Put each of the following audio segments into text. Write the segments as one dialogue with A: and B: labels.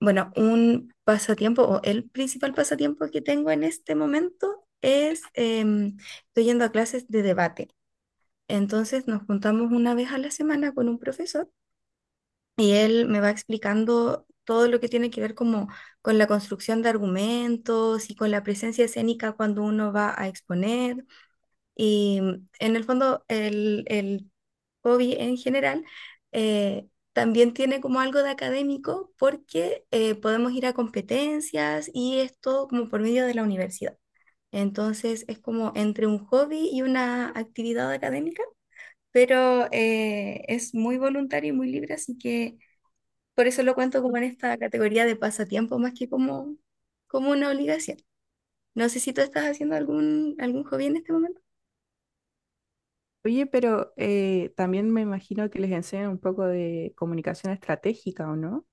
A: Bueno, un pasatiempo o el principal pasatiempo que tengo en este momento es, estoy yendo a clases de debate. Entonces nos juntamos una vez a la semana con un profesor y él me va explicando todo lo que tiene que ver como con la construcción de argumentos y con la presencia escénica cuando uno va a exponer. Y en el fondo, el hobby en general también tiene como algo de académico porque podemos ir a competencias y esto como por medio de la universidad. Entonces es como entre un hobby y una actividad académica, pero es muy voluntario y muy libre, así que por eso lo cuento como en esta categoría de pasatiempo más que como una obligación. No sé si tú estás haciendo algún hobby en este momento.
B: Oye, pero también me imagino que les enseñan un poco de comunicación estratégica, ¿o no?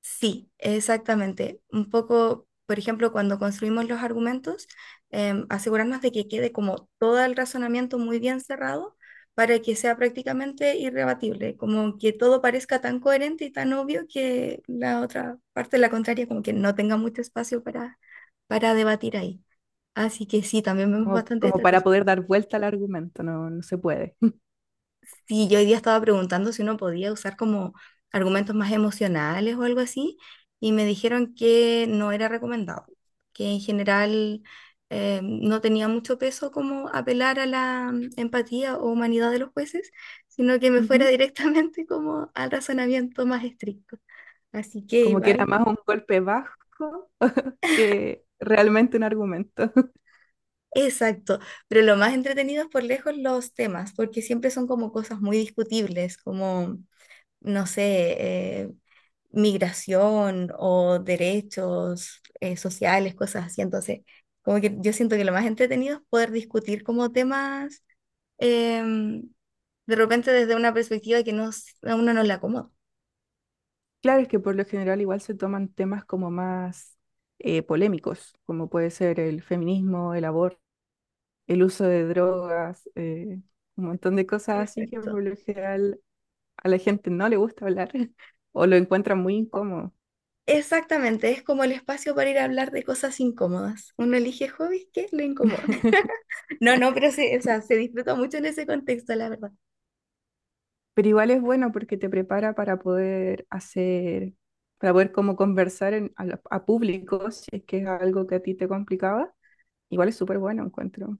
A: Sí, exactamente. Un poco, por ejemplo, cuando construimos los argumentos, asegurarnos de que quede como todo el razonamiento muy bien cerrado para que sea prácticamente irrebatible, como que todo parezca tan coherente y tan obvio que la otra parte, la contraria, como que no tenga mucho espacio para debatir ahí. Así que sí, también vemos
B: Como,
A: bastante
B: para
A: estrategia.
B: poder dar vuelta al argumento, no, no se puede.
A: Sí, yo hoy día estaba preguntando si uno podía usar como argumentos más emocionales o algo así, y me dijeron que no era recomendado, que en general no tenía mucho peso como apelar a la empatía o humanidad de los jueces, sino que me fuera
B: Ujú.
A: directamente como al razonamiento más estricto. Así que
B: Como que era
A: igual,
B: más un golpe bajo que realmente un argumento.
A: exacto, pero lo más entretenido es por lejos los temas, porque siempre son como cosas muy discutibles, como no sé, eh, migración o derechos sociales, cosas así. Entonces, como que yo siento que lo más entretenido es poder discutir como temas em, de repente desde una perspectiva que a uno no le acomoda.
B: Claro, es que por lo general igual se toman temas como más polémicos, como puede ser el feminismo, el aborto, el uso de drogas, un montón de cosas así que
A: Exacto.
B: por lo general a la gente no le gusta hablar o lo encuentran muy incómodo.
A: Exactamente, es como el espacio para ir a hablar de cosas incómodas. Uno elige hobbies que le incomodan. No, no, pero o sea, se disfruta mucho en ese contexto, la verdad.
B: Pero igual es bueno porque te prepara para poder hacer, para poder como conversar en- a, lo- a público, si es que es algo que a ti te complicaba. Igual es súper bueno, encuentro.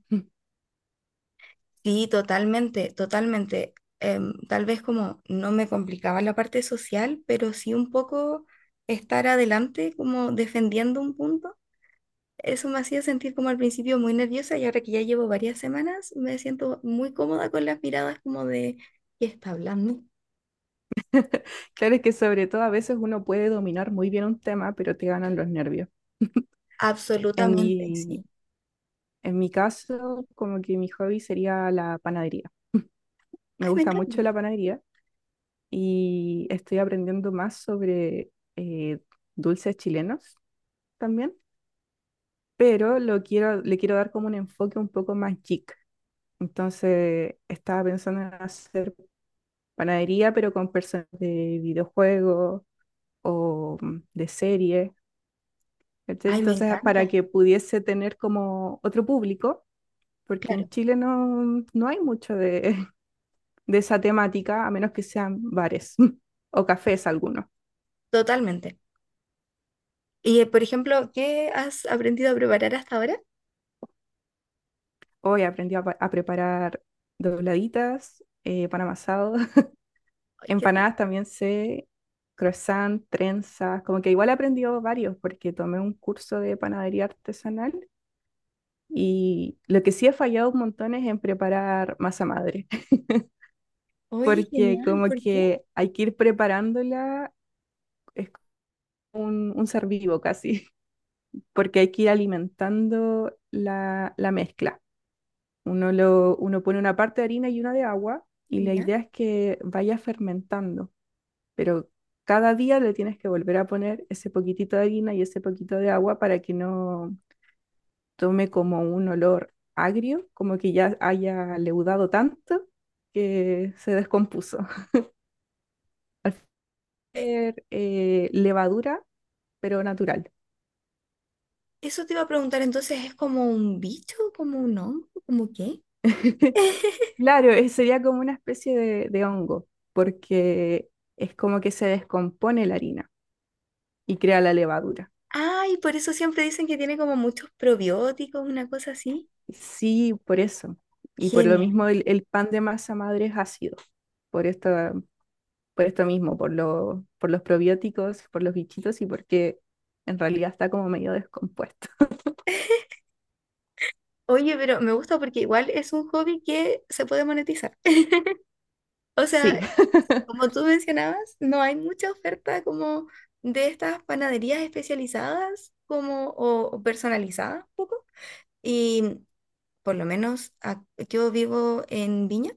A: Sí, totalmente, totalmente. Tal vez como no me complicaba la parte social, pero sí un poco estar adelante como defendiendo un punto. Eso me hacía sentir como al principio muy nerviosa y ahora que ya llevo varias semanas me siento muy cómoda con las miradas como de ¿qué está hablando?
B: Claro, es que sobre todo a veces uno puede dominar muy bien un tema, pero te ganan los nervios. En
A: Absolutamente,
B: mi,
A: sí.
B: en mi caso, como que mi hobby sería la panadería. Me
A: Ay, me
B: gusta
A: encanta.
B: mucho la panadería y estoy aprendiendo más sobre eh, dulces chilenos también. Pero lo quiero, le quiero dar como un enfoque un poco más geek. Entonces, estaba pensando en hacer panadería, pero con personas de videojuegos o de series. ¿Cachai?
A: Ay, me
B: Entonces, para
A: encanta.
B: que pudiese tener como otro público, porque
A: Claro,
B: en Chile no, no hay mucho de, de esa temática, a menos que sean bares o
A: sí,
B: cafés algunos.
A: totalmente. Y por ejemplo, ¿qué has aprendido a preparar hasta ahora?
B: Hoy aprendí a, pa- a preparar dobladitas, pan amasado.
A: Ay, qué rico.
B: Empanadas también sé, croissant, trenzas, como que igual he aprendido varios porque tomé un curso de panadería artesanal y lo que sí he fallado un montón es en preparar masa madre,
A: Oye,
B: porque
A: genial,
B: como
A: ¿por qué?
B: que hay que ir preparándola, es como un ser vivo casi, porque hay que ir alimentando la, la mezcla. Uno, lo, uno pone una parte de harina y una de agua y la
A: ¿Ya?
B: idea es que vaya fermentando. Pero cada día le tienes que volver a poner ese poquitito de harina y ese poquito de agua para que no tome como un olor agrio, como que ya haya leudado tanto que se descompuso. Al final levadura, pero natural.
A: Eso te iba a preguntar, entonces, ¿es como un bicho, como un hongo, como qué?
B: Claro, sería como una especie de hongo, porque es como que se descompone la harina y crea la levadura.
A: Ay, por eso siempre dicen que tiene como muchos probióticos, una cosa así.
B: Sí, por eso. Y por lo
A: Genial.
B: mismo el pan de masa madre es ácido, por esta, por esto mismo, por lo, por los probióticos, por los bichitos y porque en realidad está como medio descompuesto.
A: Oye, pero me gusta porque igual es un hobby que se puede monetizar. O
B: Sí,
A: sea, como tú mencionabas, no hay mucha oferta como de estas panaderías especializadas como o personalizadas un poco. Y por lo menos yo vivo en Viña.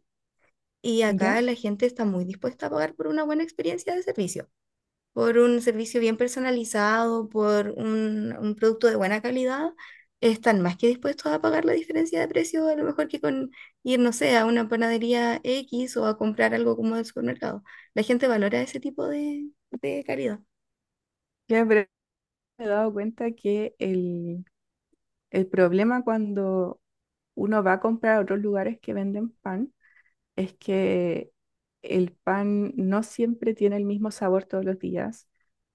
A: Y
B: ya,
A: acá la gente está muy dispuesta a pagar por una buena experiencia de servicio, por un servicio bien personalizado, por un producto de buena calidad. Están más que dispuestos a pagar la diferencia de precio, a lo mejor que con ir, no sé, a una panadería X o a comprar algo como del supermercado. La gente valora ese tipo de calidad.
B: ya pero me he dado cuenta que el problema cuando uno va a comprar a otros lugares que venden pan es que el pan no siempre tiene el mismo sabor todos los días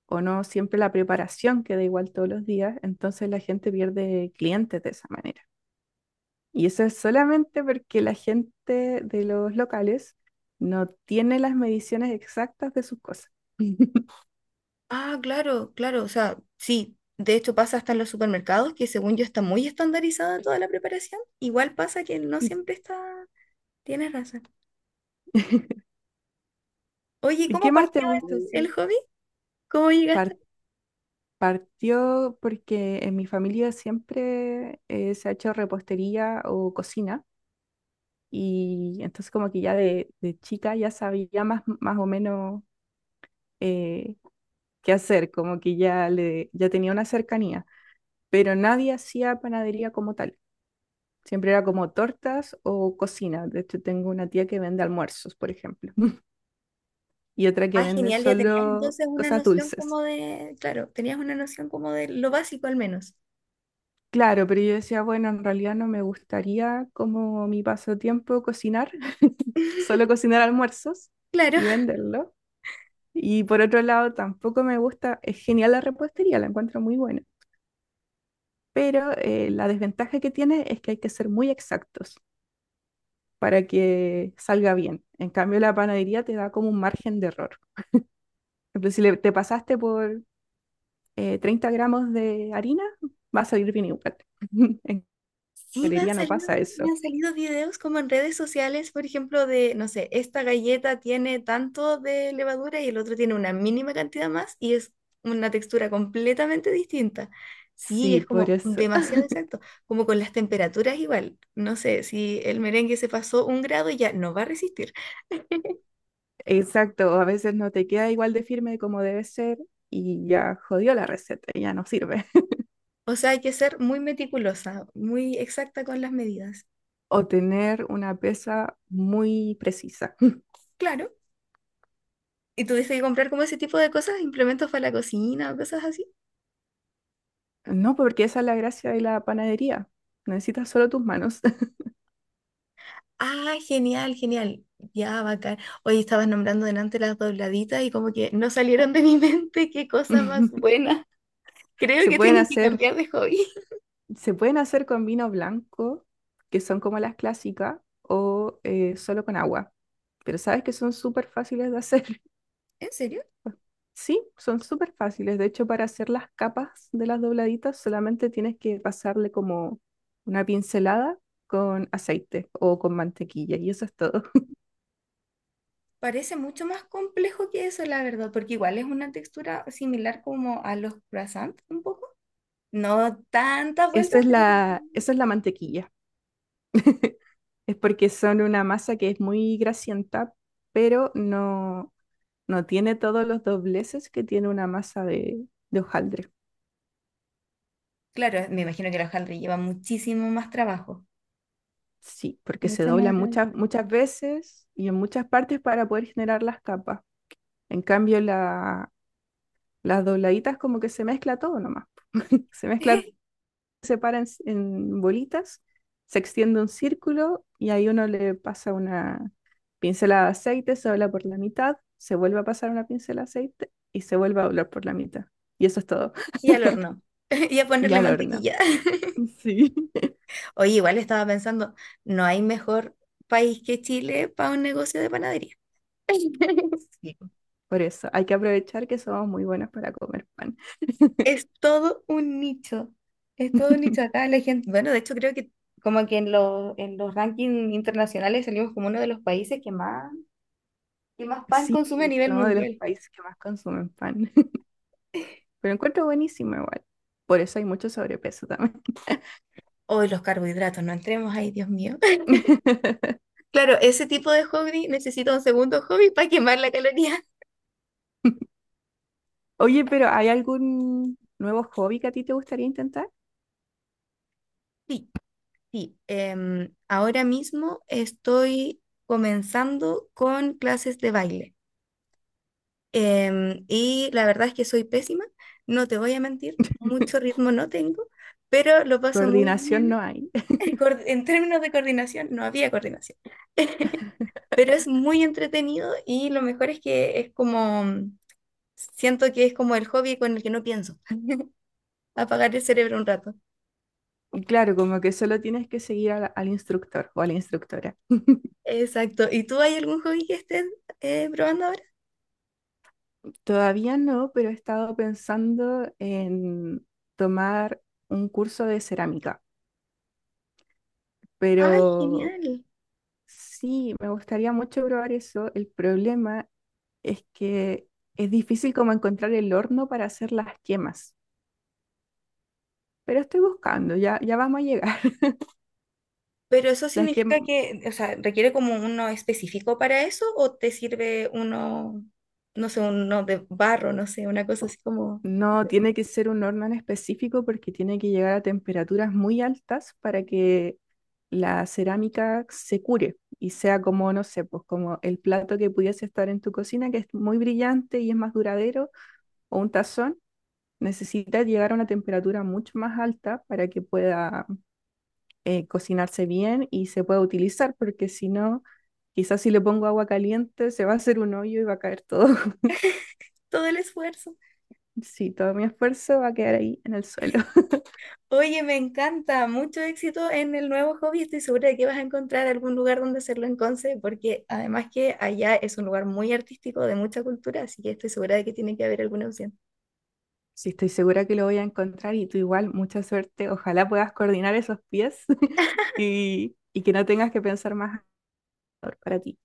B: o no siempre la preparación queda igual todos los días, entonces la gente pierde clientes de esa manera. Y eso es solamente porque la gente de los locales no tiene las mediciones exactas de sus cosas.
A: Ah, claro, claro, o sea, sí. De hecho pasa hasta en los supermercados, que según yo está muy estandarizada toda la preparación. Igual pasa que no
B: ¿Y
A: siempre está... Tienes razón. Oye,
B: y
A: ¿cómo
B: qué más te
A: partió
B: gusta
A: el
B: hacer?
A: hobby? ¿Cómo llegaste?
B: Par- partió porque en mi familia siempre se ha hecho repostería o cocina y entonces como que ya de chica ya sabía más, más o menos eh, qué hacer, como que ya, le, ya tenía una cercanía, pero nadie hacía panadería como tal. Siempre era como tortas o cocina. De hecho, tengo una tía que vende almuerzos, por ejemplo, y otra que
A: Ah,
B: vende
A: genial, ya tenías
B: solo
A: entonces una
B: cosas
A: noción
B: dulces.
A: como de, claro, tenías una noción como de lo básico al menos.
B: Claro, pero yo decía, bueno, en realidad no me gustaría como mi pasatiempo cocinar, solo cocinar almuerzos
A: Claro,
B: y venderlo. Y por otro lado, tampoco me gusta, es genial la repostería, la encuentro muy buena, pero la desventaja que tiene es que hay que ser muy exactos para que salga bien. En cambio, la panadería te da como un margen de error. Por ejemplo, si le- te pasaste por 30 gramos de harina, va a salir bien igual. En
A: sí
B: galería no pasa
A: me
B: eso.
A: han salido videos como en redes sociales, por ejemplo, de, no sé, esta galleta tiene tanto de levadura y el otro tiene una mínima cantidad más y es una textura completamente distinta. Sí,
B: Sí,
A: es
B: por
A: como
B: eso.
A: demasiado exacto, como con las temperaturas igual. No sé, si el merengue se pasó un grado ya no va a resistir.
B: Exacto, a veces no te queda igual de firme como debe ser y ya jodió la receta, ya no sirve.
A: O sea, hay que ser muy meticulosa, muy exacta con las medidas.
B: O tener una pesa muy precisa.
A: Claro. ¿Y tuviste que comprar como ese tipo de cosas, implementos para la cocina o cosas así?
B: No, porque esa es la gracia de la panadería. Necesitas solo tus manos.
A: Ah, genial, genial. Ya, bacán. Hoy estabas nombrando delante las dobladitas y como que no salieron de mi mente. Qué cosa más buena. Creo
B: Se
A: que
B: pueden
A: tengo que
B: hacer
A: cambiar de hobby.
B: Se pueden hacer con vino blanco, que son como las clásicas, o solo con agua. Pero sabes que son súper fáciles de hacer.
A: ¿En serio?
B: Sí, son súper fáciles. De hecho, para hacer las capas de las dobladitas, solamente tienes que pasarle como una pincelada con aceite o con mantequilla, y eso es todo.
A: Parece mucho más complejo que eso, la verdad, porque igual es una textura similar como a los croissants, un poco. No tantas vueltas, pero...
B: Esa es la mantequilla. Es porque son una masa que es muy grasienta, pero no, no tiene todos los dobleces que tiene una masa de hojaldre.
A: Claro, me imagino que la hojaldre lleva muchísimo más trabajo.
B: Sí, porque se
A: Mucho más
B: dobla
A: hojaldre.
B: muchas, muchas veces y en muchas partes para poder generar las capas. En cambio, la, las dobladitas como que se mezcla todo nomás. Se mezcla, se para en bolitas, se extiende un círculo y ahí uno le pasa una pincelada de aceite, se dobla por la mitad, se vuelve a pasar una pincelada de aceite y se vuelve a doblar por la mitad. Y eso es todo.
A: Y al horno. Y a
B: Y
A: ponerle
B: al horno.
A: mantequilla.
B: Sí.
A: Oye, igual estaba pensando, no hay mejor país que Chile para un negocio de panadería.
B: Sí, por eso hay que aprovechar que somos muy buenos para comer pan.
A: Es todo un nicho. Es todo un nicho acá. La gente, bueno, de hecho creo que como que los en los rankings internacionales salimos como uno de los países que que más pan
B: Sí,
A: consume a nivel
B: somos de los
A: mundial.
B: países que más consumen pan, pero encuentro buenísimo igual. Por eso hay mucho sobrepeso también.
A: Hoy los carbohidratos, no entremos ahí, Dios mío. Claro, ese tipo de hobby necesita un segundo hobby para quemar la caloría.
B: Oye, pero ¿hay algún nuevo hobby que a ti te gustaría intentar?
A: Sí, sí. Ahora mismo estoy comenzando con clases de baile. Y la verdad es que soy pésima, no te voy a mentir, mucho ritmo no tengo, pero lo paso muy
B: Coordinación no
A: bien.
B: hay.
A: En términos de coordinación, no había coordinación. Pero es muy entretenido y lo mejor es que es como, siento que es como el hobby con el que no pienso, apagar el cerebro un rato.
B: Y claro, como que solo tienes que seguir al, al instructor o a la instructora.
A: Exacto. ¿Y tú hay algún hobby que estés probando ahora?
B: Todavía no, pero he estado pensando en tomar un curso de cerámica,
A: ¡Ay,
B: pero
A: genial!
B: sí, me gustaría mucho probar eso. El problema es que es difícil como encontrar el horno para hacer las quemas. Pero estoy buscando, ya, ya vamos a llegar.
A: Pero eso
B: Las que
A: significa que, o sea, ¿requiere como uno específico para eso o te sirve uno, no sé, uno de barro, no sé, una cosa así como
B: no tiene que ser un horno en específico porque tiene que llegar a temperaturas muy altas para que la cerámica se cure y sea como, no sé, pues como el plato que pudiese estar en tu cocina, que es muy brillante y es más duradero, o un tazón, necesita llegar a una temperatura mucho más alta para que pueda cocinarse bien y se pueda utilizar, porque si no, quizás si le pongo agua caliente se va a hacer un hoyo y va a caer todo.
A: todo el esfuerzo?
B: Sí, todo mi esfuerzo va a quedar ahí en el suelo.
A: Oye, me encanta, mucho éxito en el nuevo hobby. Estoy segura de que vas a encontrar algún lugar donde hacerlo en Conce, porque además que allá es un lugar muy artístico, de mucha cultura, así que estoy segura de que tiene que haber alguna opción.
B: Sí, estoy segura que lo voy a encontrar y tú igual, mucha suerte. Ojalá puedas coordinar esos pies y que no tengas que pensar más para ti.